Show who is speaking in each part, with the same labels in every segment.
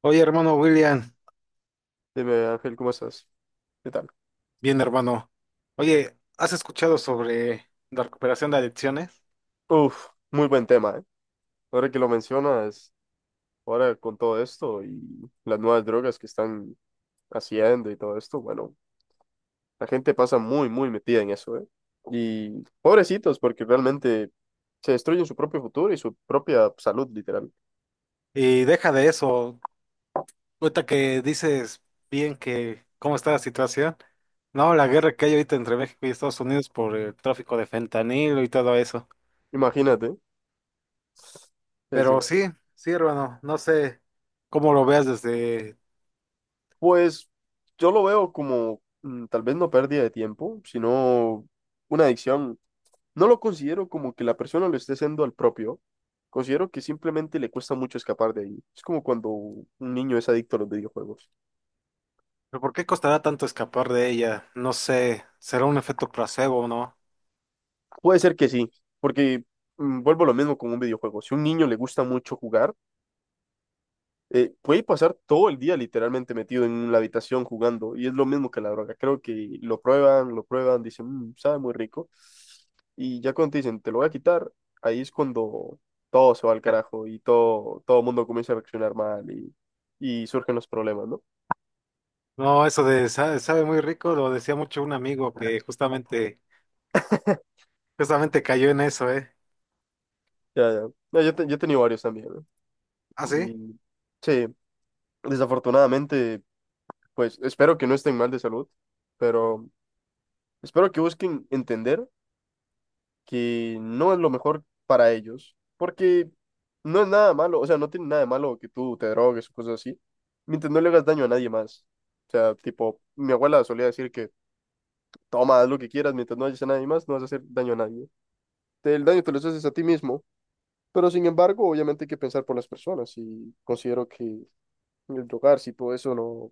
Speaker 1: Oye, hermano William,
Speaker 2: Dime, Ángel, ¿cómo estás? ¿Qué tal?
Speaker 1: bien hermano. Oye, ¿has escuchado sobre la recuperación de adicciones?
Speaker 2: Uf, muy buen tema, ¿eh? Ahora que lo mencionas, ahora con todo esto y las nuevas drogas que están haciendo y todo esto, bueno, la gente pasa muy, muy metida en eso, ¿eh? Y pobrecitos, porque realmente se destruyen su propio futuro y su propia salud, literal.
Speaker 1: Y deja de eso, ahorita que dices bien que cómo está la situación. No, la guerra que hay ahorita entre México y Estados Unidos por el tráfico de fentanilo y todo eso.
Speaker 2: Imagínate. Sí,
Speaker 1: Pero
Speaker 2: sí.
Speaker 1: sí, sí, hermano, no sé cómo lo veas desde...
Speaker 2: Pues yo lo veo como tal vez no pérdida de tiempo, sino una adicción. No lo considero como que la persona lo esté haciendo al propio. Considero que simplemente le cuesta mucho escapar de ahí. Es como cuando un niño es adicto a los videojuegos.
Speaker 1: ¿Pero por qué costará tanto escapar de ella? No sé, ¿será un efecto placebo o no?
Speaker 2: Puede ser que sí, porque vuelvo a lo mismo con un videojuego. Si a un niño le gusta mucho jugar, puede pasar todo el día literalmente metido en la habitación jugando y es lo mismo que la droga. Creo que lo prueban, dicen, "Mm, sabe muy rico". Y ya cuando te dicen, te lo voy a quitar, ahí es cuando todo se va al carajo y todo, todo el mundo comienza a reaccionar mal y surgen los problemas, ¿no?
Speaker 1: No, eso de sabe muy rico lo decía mucho un amigo que justamente cayó en eso, ¿eh?
Speaker 2: Ya, ya. No, yo, yo he tenido varios también, ¿no?
Speaker 1: ¿Ah, sí?
Speaker 2: Y sí, desafortunadamente, pues espero que no estén mal de salud, pero espero que busquen entender que no es lo mejor para ellos, porque no es nada malo, o sea, no tiene nada de malo que tú te drogues o cosas así, mientras no le hagas daño a nadie más. O sea, tipo, mi abuela solía decir que toma, haz lo que quieras, mientras no hagas a nadie más, no vas a hacer daño a nadie. El daño te lo haces a ti mismo, pero sin embargo, obviamente hay que pensar por las personas y considero que el drogarse y todo eso no,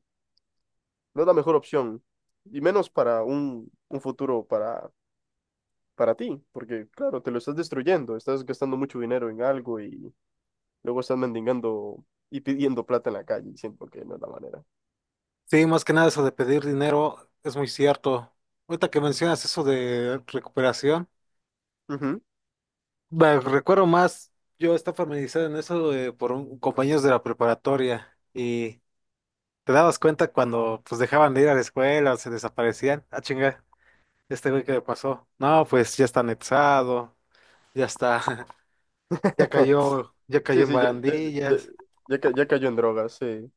Speaker 2: no es la mejor opción, y menos para un futuro para ti, porque claro, te lo estás destruyendo, estás gastando mucho dinero en algo. Y luego están mendigando y pidiendo plata en la calle, siento que no es la manera.
Speaker 1: Sí, más que nada eso de pedir dinero es muy cierto. Ahorita que mencionas eso de recuperación,
Speaker 2: Ujú.
Speaker 1: me recuerdo más. Yo estaba familiarizado en eso por compañeros de la preparatoria, y te dabas cuenta cuando pues dejaban de ir a la escuela, se desaparecían. Ah, chinga, este güey, que le pasó? No, pues ya está anexado, ya está, ya cayó
Speaker 2: Sí,
Speaker 1: en
Speaker 2: sí, ya, ya, ya,
Speaker 1: barandillas.
Speaker 2: ya cayó en drogas, sí.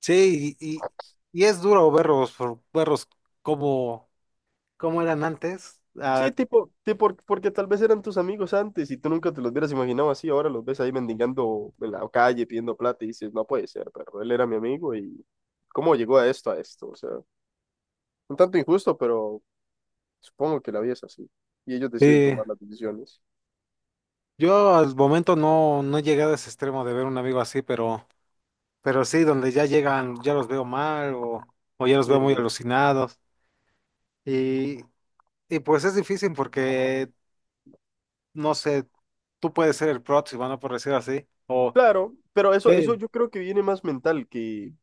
Speaker 1: Sí, y es duro verlos como... ¿Cómo eran antes?
Speaker 2: Sí,
Speaker 1: Ah,
Speaker 2: tipo, tipo, porque tal vez eran tus amigos antes y tú nunca te los hubieras imaginado así, ahora los ves ahí mendigando en la calle pidiendo plata y dices, no puede ser, pero él era mi amigo y cómo llegó a esto, o sea, un tanto injusto, pero supongo que la vida es así y ellos deciden
Speaker 1: sí.
Speaker 2: tomar las decisiones.
Speaker 1: Yo al momento no, no he llegado a ese extremo de ver un amigo así, pero sí, donde ya llegan, ya los veo mal, o ya los veo muy
Speaker 2: Eh,
Speaker 1: alucinados. Y, y pues es difícil porque, no sé, tú puedes ser el próximo, ¿no? Por decir así. O
Speaker 2: claro, pero eso
Speaker 1: eh,
Speaker 2: yo creo que viene más mental que.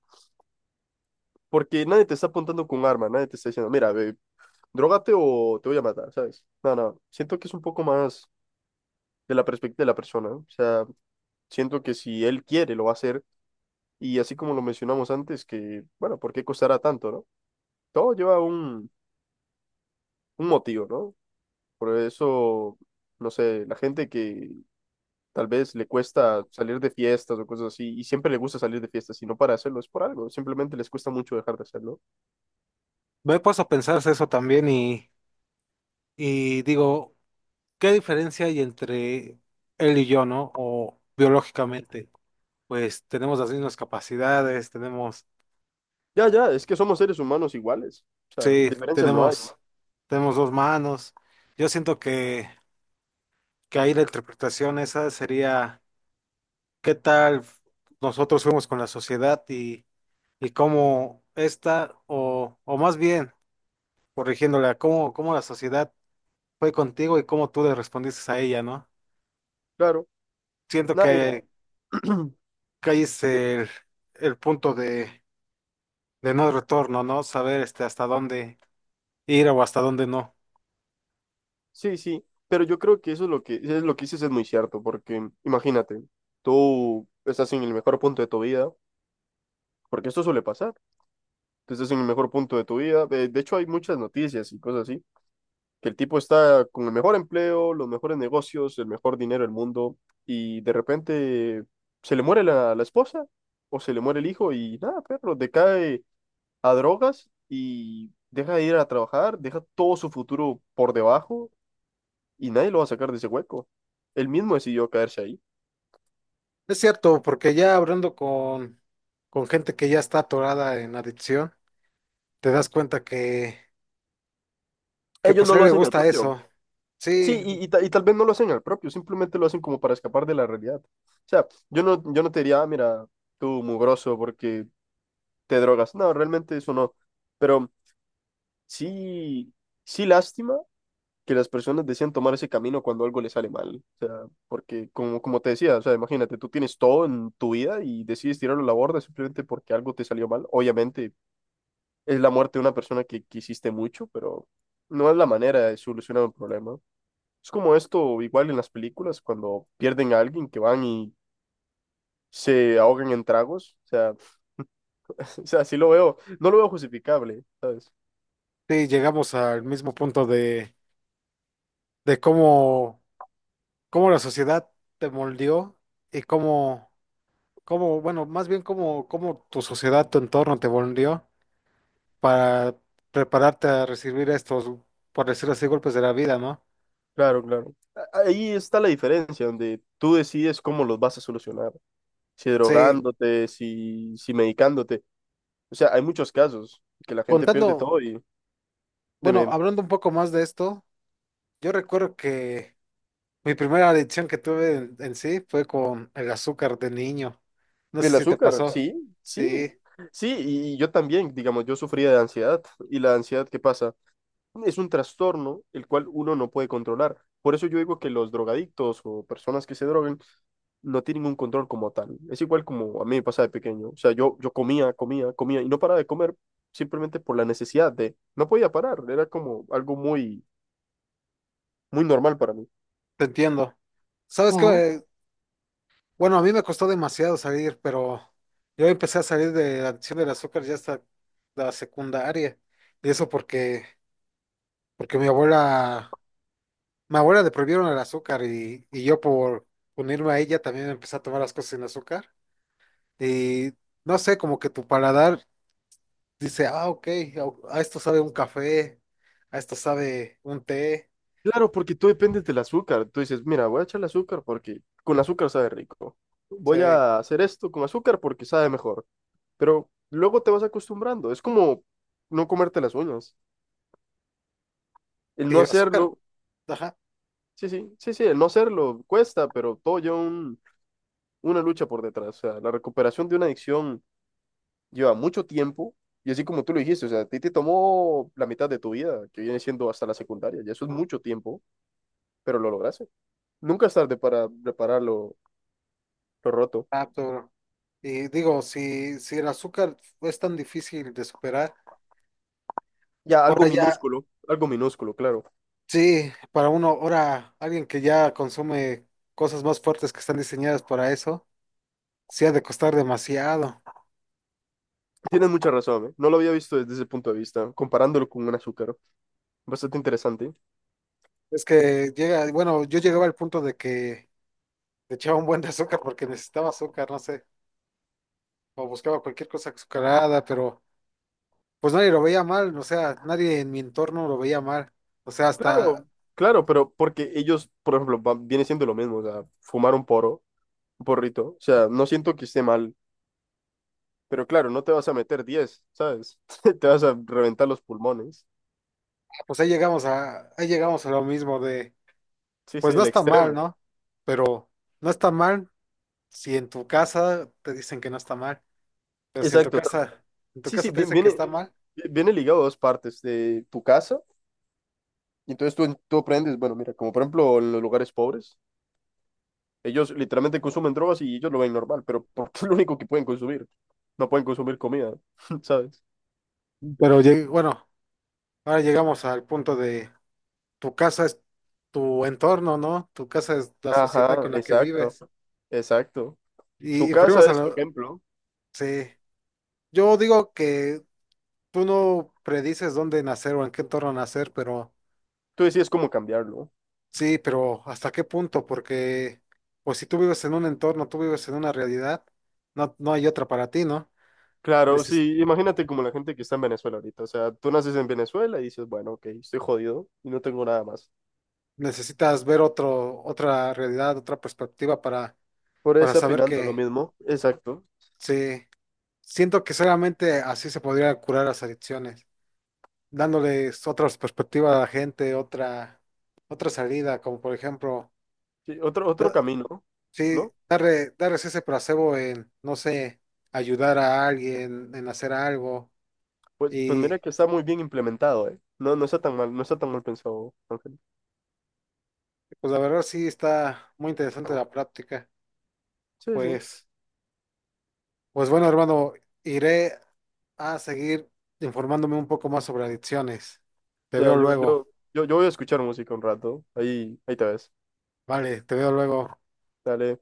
Speaker 2: Porque nadie te está apuntando con un arma, nadie te está diciendo, mira, ve, drogate o te voy a matar, ¿sabes? No, no, siento que es un poco más de la perspectiva de la persona, ¿no? O sea, siento que si él quiere, lo va a hacer. Y así como lo mencionamos antes, que, bueno, ¿por qué costará tanto, no? Todo lleva un motivo, ¿no? Por eso, no sé, la gente que tal vez le cuesta salir de fiestas o cosas así, y siempre le gusta salir de fiestas, y no para hacerlo, es por algo, simplemente les cuesta mucho dejar de hacerlo.
Speaker 1: me he puesto a pensarse eso también, y digo, ¿qué diferencia hay entre él y yo, ¿no? O biológicamente, pues tenemos las mismas capacidades, tenemos...
Speaker 2: Ya, ya, es que somos seres humanos iguales, o sea,
Speaker 1: Sí,
Speaker 2: diferencias no hay.
Speaker 1: tenemos dos manos. Yo siento que ahí la interpretación esa sería qué tal nosotros fuimos con la sociedad y cómo esta, o más bien, corrigiéndola, cómo la sociedad fue contigo y cómo tú le respondiste a ella, ¿no?
Speaker 2: Claro,
Speaker 1: Siento
Speaker 2: nadie.
Speaker 1: que ahí es
Speaker 2: de-
Speaker 1: el punto de no retorno, ¿no? Saber este, hasta dónde ir o hasta dónde no.
Speaker 2: Sí, sí, pero yo creo que eso es lo que dices es muy cierto, porque imagínate, tú estás en el mejor punto de tu vida, porque esto suele pasar, tú estás en el mejor punto de tu vida, de hecho hay muchas noticias y cosas así, que el tipo está con el mejor empleo, los mejores negocios, el mejor dinero del mundo, y de repente se le muere la esposa o se le muere el hijo y nada, perro, decae a drogas y deja de ir a trabajar, deja todo su futuro por debajo y nadie lo va a sacar de ese hueco. Él mismo decidió caerse ahí.
Speaker 1: Es cierto, porque ya hablando con gente que ya está atorada en adicción, te das cuenta que
Speaker 2: Ellos
Speaker 1: pues
Speaker 2: no
Speaker 1: a él
Speaker 2: lo
Speaker 1: le
Speaker 2: hacen al
Speaker 1: gusta
Speaker 2: propio.
Speaker 1: eso. Sí,
Speaker 2: Sí, y y tal vez no lo hacen al propio, simplemente lo hacen como para escapar de la realidad. O sea, yo no, yo no te diría, "Ah, mira, tú mugroso porque te drogas". No, realmente eso no. Pero sí, sí lástima que las personas decían tomar ese camino cuando algo les sale mal. O sea, porque como, como te decía, o sea, imagínate, tú tienes todo en tu vida y decides tirarlo a la borda simplemente porque algo te salió mal. Obviamente es la muerte de una persona que quisiste mucho, pero no es la manera de solucionar un problema. Es como esto, igual en las películas, cuando pierden a alguien que van y se ahogan en tragos. O sea, o sea, sí lo veo, no lo veo justificable, ¿sabes?
Speaker 1: sí, llegamos al mismo punto de cómo, cómo la sociedad te moldeó y cómo, cómo, bueno, más bien cómo tu sociedad, tu entorno te moldeó para prepararte a recibir estos, por decirlo así, golpes de la vida, ¿no?
Speaker 2: Claro, claro. Ahí está la diferencia, donde tú decides cómo los vas a solucionar. Si
Speaker 1: Sí,
Speaker 2: drogándote, si, si medicándote. O sea, hay muchos casos que la gente pierde
Speaker 1: contando,
Speaker 2: todo y…
Speaker 1: bueno,
Speaker 2: Dime.
Speaker 1: hablando un poco más de esto, yo recuerdo que mi primera adicción que tuve en sí fue con el azúcar de niño. No sé
Speaker 2: El
Speaker 1: si te
Speaker 2: azúcar,
Speaker 1: pasó.
Speaker 2: sí, sí,
Speaker 1: Sí,
Speaker 2: sí, y yo también, digamos, yo sufría de ansiedad. ¿Y la ansiedad qué pasa? Es un trastorno el cual uno no puede controlar. Por eso yo digo que los drogadictos o personas que se drogan no tienen un control como tal. Es igual como a mí me pasa de pequeño. O sea, yo comía, comía, comía y no paraba de comer simplemente por la necesidad de… No podía parar, era como algo muy, muy normal para mí.
Speaker 1: te entiendo. ¿Sabes qué? Bueno, a mí me costó demasiado salir, pero yo empecé a salir de la adicción del azúcar ya hasta la secundaria. Y eso porque, porque mi abuela le prohibieron el azúcar, y yo por unirme a ella también empecé a tomar las cosas sin azúcar. Y no sé, como que tu paladar dice, ah, ok, a esto sabe un café, a esto sabe un té,
Speaker 2: Claro, porque tú dependes del azúcar. Tú dices, mira, voy a echarle azúcar porque con azúcar sabe rico. Voy
Speaker 1: sí.
Speaker 2: a hacer esto con azúcar porque sabe mejor. Pero luego te vas acostumbrando. Es como no comerte las uñas. El
Speaker 1: Y
Speaker 2: no
Speaker 1: el azúcar,
Speaker 2: hacerlo,
Speaker 1: ajá,
Speaker 2: sí, sí, sí, sí, el no hacerlo cuesta, pero todo lleva una lucha por detrás. O sea, la recuperación de una adicción lleva mucho tiempo. Y así como tú lo dijiste, o sea, a ti te tomó la mitad de tu vida, que viene siendo hasta la secundaria. Y eso es mucho tiempo, pero lo lograste. Nunca es tarde para reparar lo roto.
Speaker 1: ah, y digo, si, si el azúcar es tan difícil de superar,
Speaker 2: Ya,
Speaker 1: ahora ya,
Speaker 2: algo minúsculo, claro.
Speaker 1: sí, para uno, ahora alguien que ya consume cosas más fuertes que están diseñadas para eso, sí ha de costar demasiado.
Speaker 2: Tienes mucha razón, ¿eh? No lo había visto desde ese punto de vista, comparándolo con un azúcar. Bastante interesante.
Speaker 1: Es que llega, bueno, yo llegaba al punto de que le echaba un buen de azúcar porque necesitaba azúcar, no sé, o buscaba cualquier cosa azucarada, pero... Pues nadie lo veía mal, o sea, nadie en mi entorno lo veía mal. O sea,
Speaker 2: Claro,
Speaker 1: hasta,
Speaker 2: claro, pero porque ellos, por ejemplo, viene siendo lo mismo, o sea, fumar un poro, un porrito, o sea, no siento que esté mal, pero claro, no te vas a meter 10, ¿sabes? Te vas a reventar los pulmones.
Speaker 1: pues ahí llegamos a lo mismo de,
Speaker 2: Sí, sí,
Speaker 1: pues no
Speaker 2: el
Speaker 1: está mal,
Speaker 2: extremo.
Speaker 1: ¿no? Pero no está mal si en tu casa te dicen que no está mal. Pero si en tu
Speaker 2: Exacto.
Speaker 1: casa, en tu
Speaker 2: Sí, sí,
Speaker 1: casa te dicen que
Speaker 2: viene,
Speaker 1: está mal.
Speaker 2: viene ligado a dos partes de tu casa, y entonces tú aprendes, bueno, mira, como por ejemplo en los lugares pobres. Ellos literalmente consumen drogas y ellos lo ven normal, pero porque es lo único que pueden consumir. No pueden consumir comida, ¿sabes?
Speaker 1: Pero bueno, ahora llegamos al punto de tu casa es tu entorno, ¿no? Tu casa es la sociedad
Speaker 2: Ajá,
Speaker 1: con la que
Speaker 2: exacto,
Speaker 1: vives.
Speaker 2: exacto. Tu
Speaker 1: Y
Speaker 2: casa
Speaker 1: influimos a
Speaker 2: es tu
Speaker 1: lo,
Speaker 2: ejemplo.
Speaker 1: sí. Yo digo que tú no predices dónde nacer o en qué entorno nacer, pero
Speaker 2: Tú decides cómo cambiarlo.
Speaker 1: sí, pero ¿hasta qué punto? Porque, pues si tú vives en un entorno, tú vives en una realidad, no, no hay otra para ti, ¿no?
Speaker 2: Claro,
Speaker 1: Neces-
Speaker 2: sí, imagínate como la gente que está en Venezuela ahorita. O sea, tú naces en Venezuela y dices, bueno, ok, estoy jodido y no tengo nada más.
Speaker 1: Necesitas ver otro, otra realidad, otra perspectiva
Speaker 2: Por ahí
Speaker 1: para
Speaker 2: está
Speaker 1: saber
Speaker 2: opinando lo
Speaker 1: que
Speaker 2: mismo, exacto.
Speaker 1: sí. Siento que solamente así se podría curar las adicciones, dándoles otras perspectivas a la gente, otra, otra salida, como por ejemplo.
Speaker 2: Sí, otro, otro camino,
Speaker 1: Sí,
Speaker 2: ¿no?
Speaker 1: darle, darles ese placebo en, no sé, ayudar a alguien, en hacer algo.
Speaker 2: Pues, pues
Speaker 1: Y
Speaker 2: mira que está muy bien implementado, ¿eh? No, no está tan mal, no está tan mal pensado, Ángel.
Speaker 1: pues la verdad sí está muy interesante la práctica.
Speaker 2: Sí, sí.
Speaker 1: Pues, pues bueno, hermano, iré a seguir informándome un poco más sobre adicciones. Te
Speaker 2: Ya,
Speaker 1: veo
Speaker 2: yo,
Speaker 1: luego.
Speaker 2: yo, yo, yo voy a escuchar música un rato. Ahí, ahí te ves.
Speaker 1: Vale, te veo luego.
Speaker 2: Dale.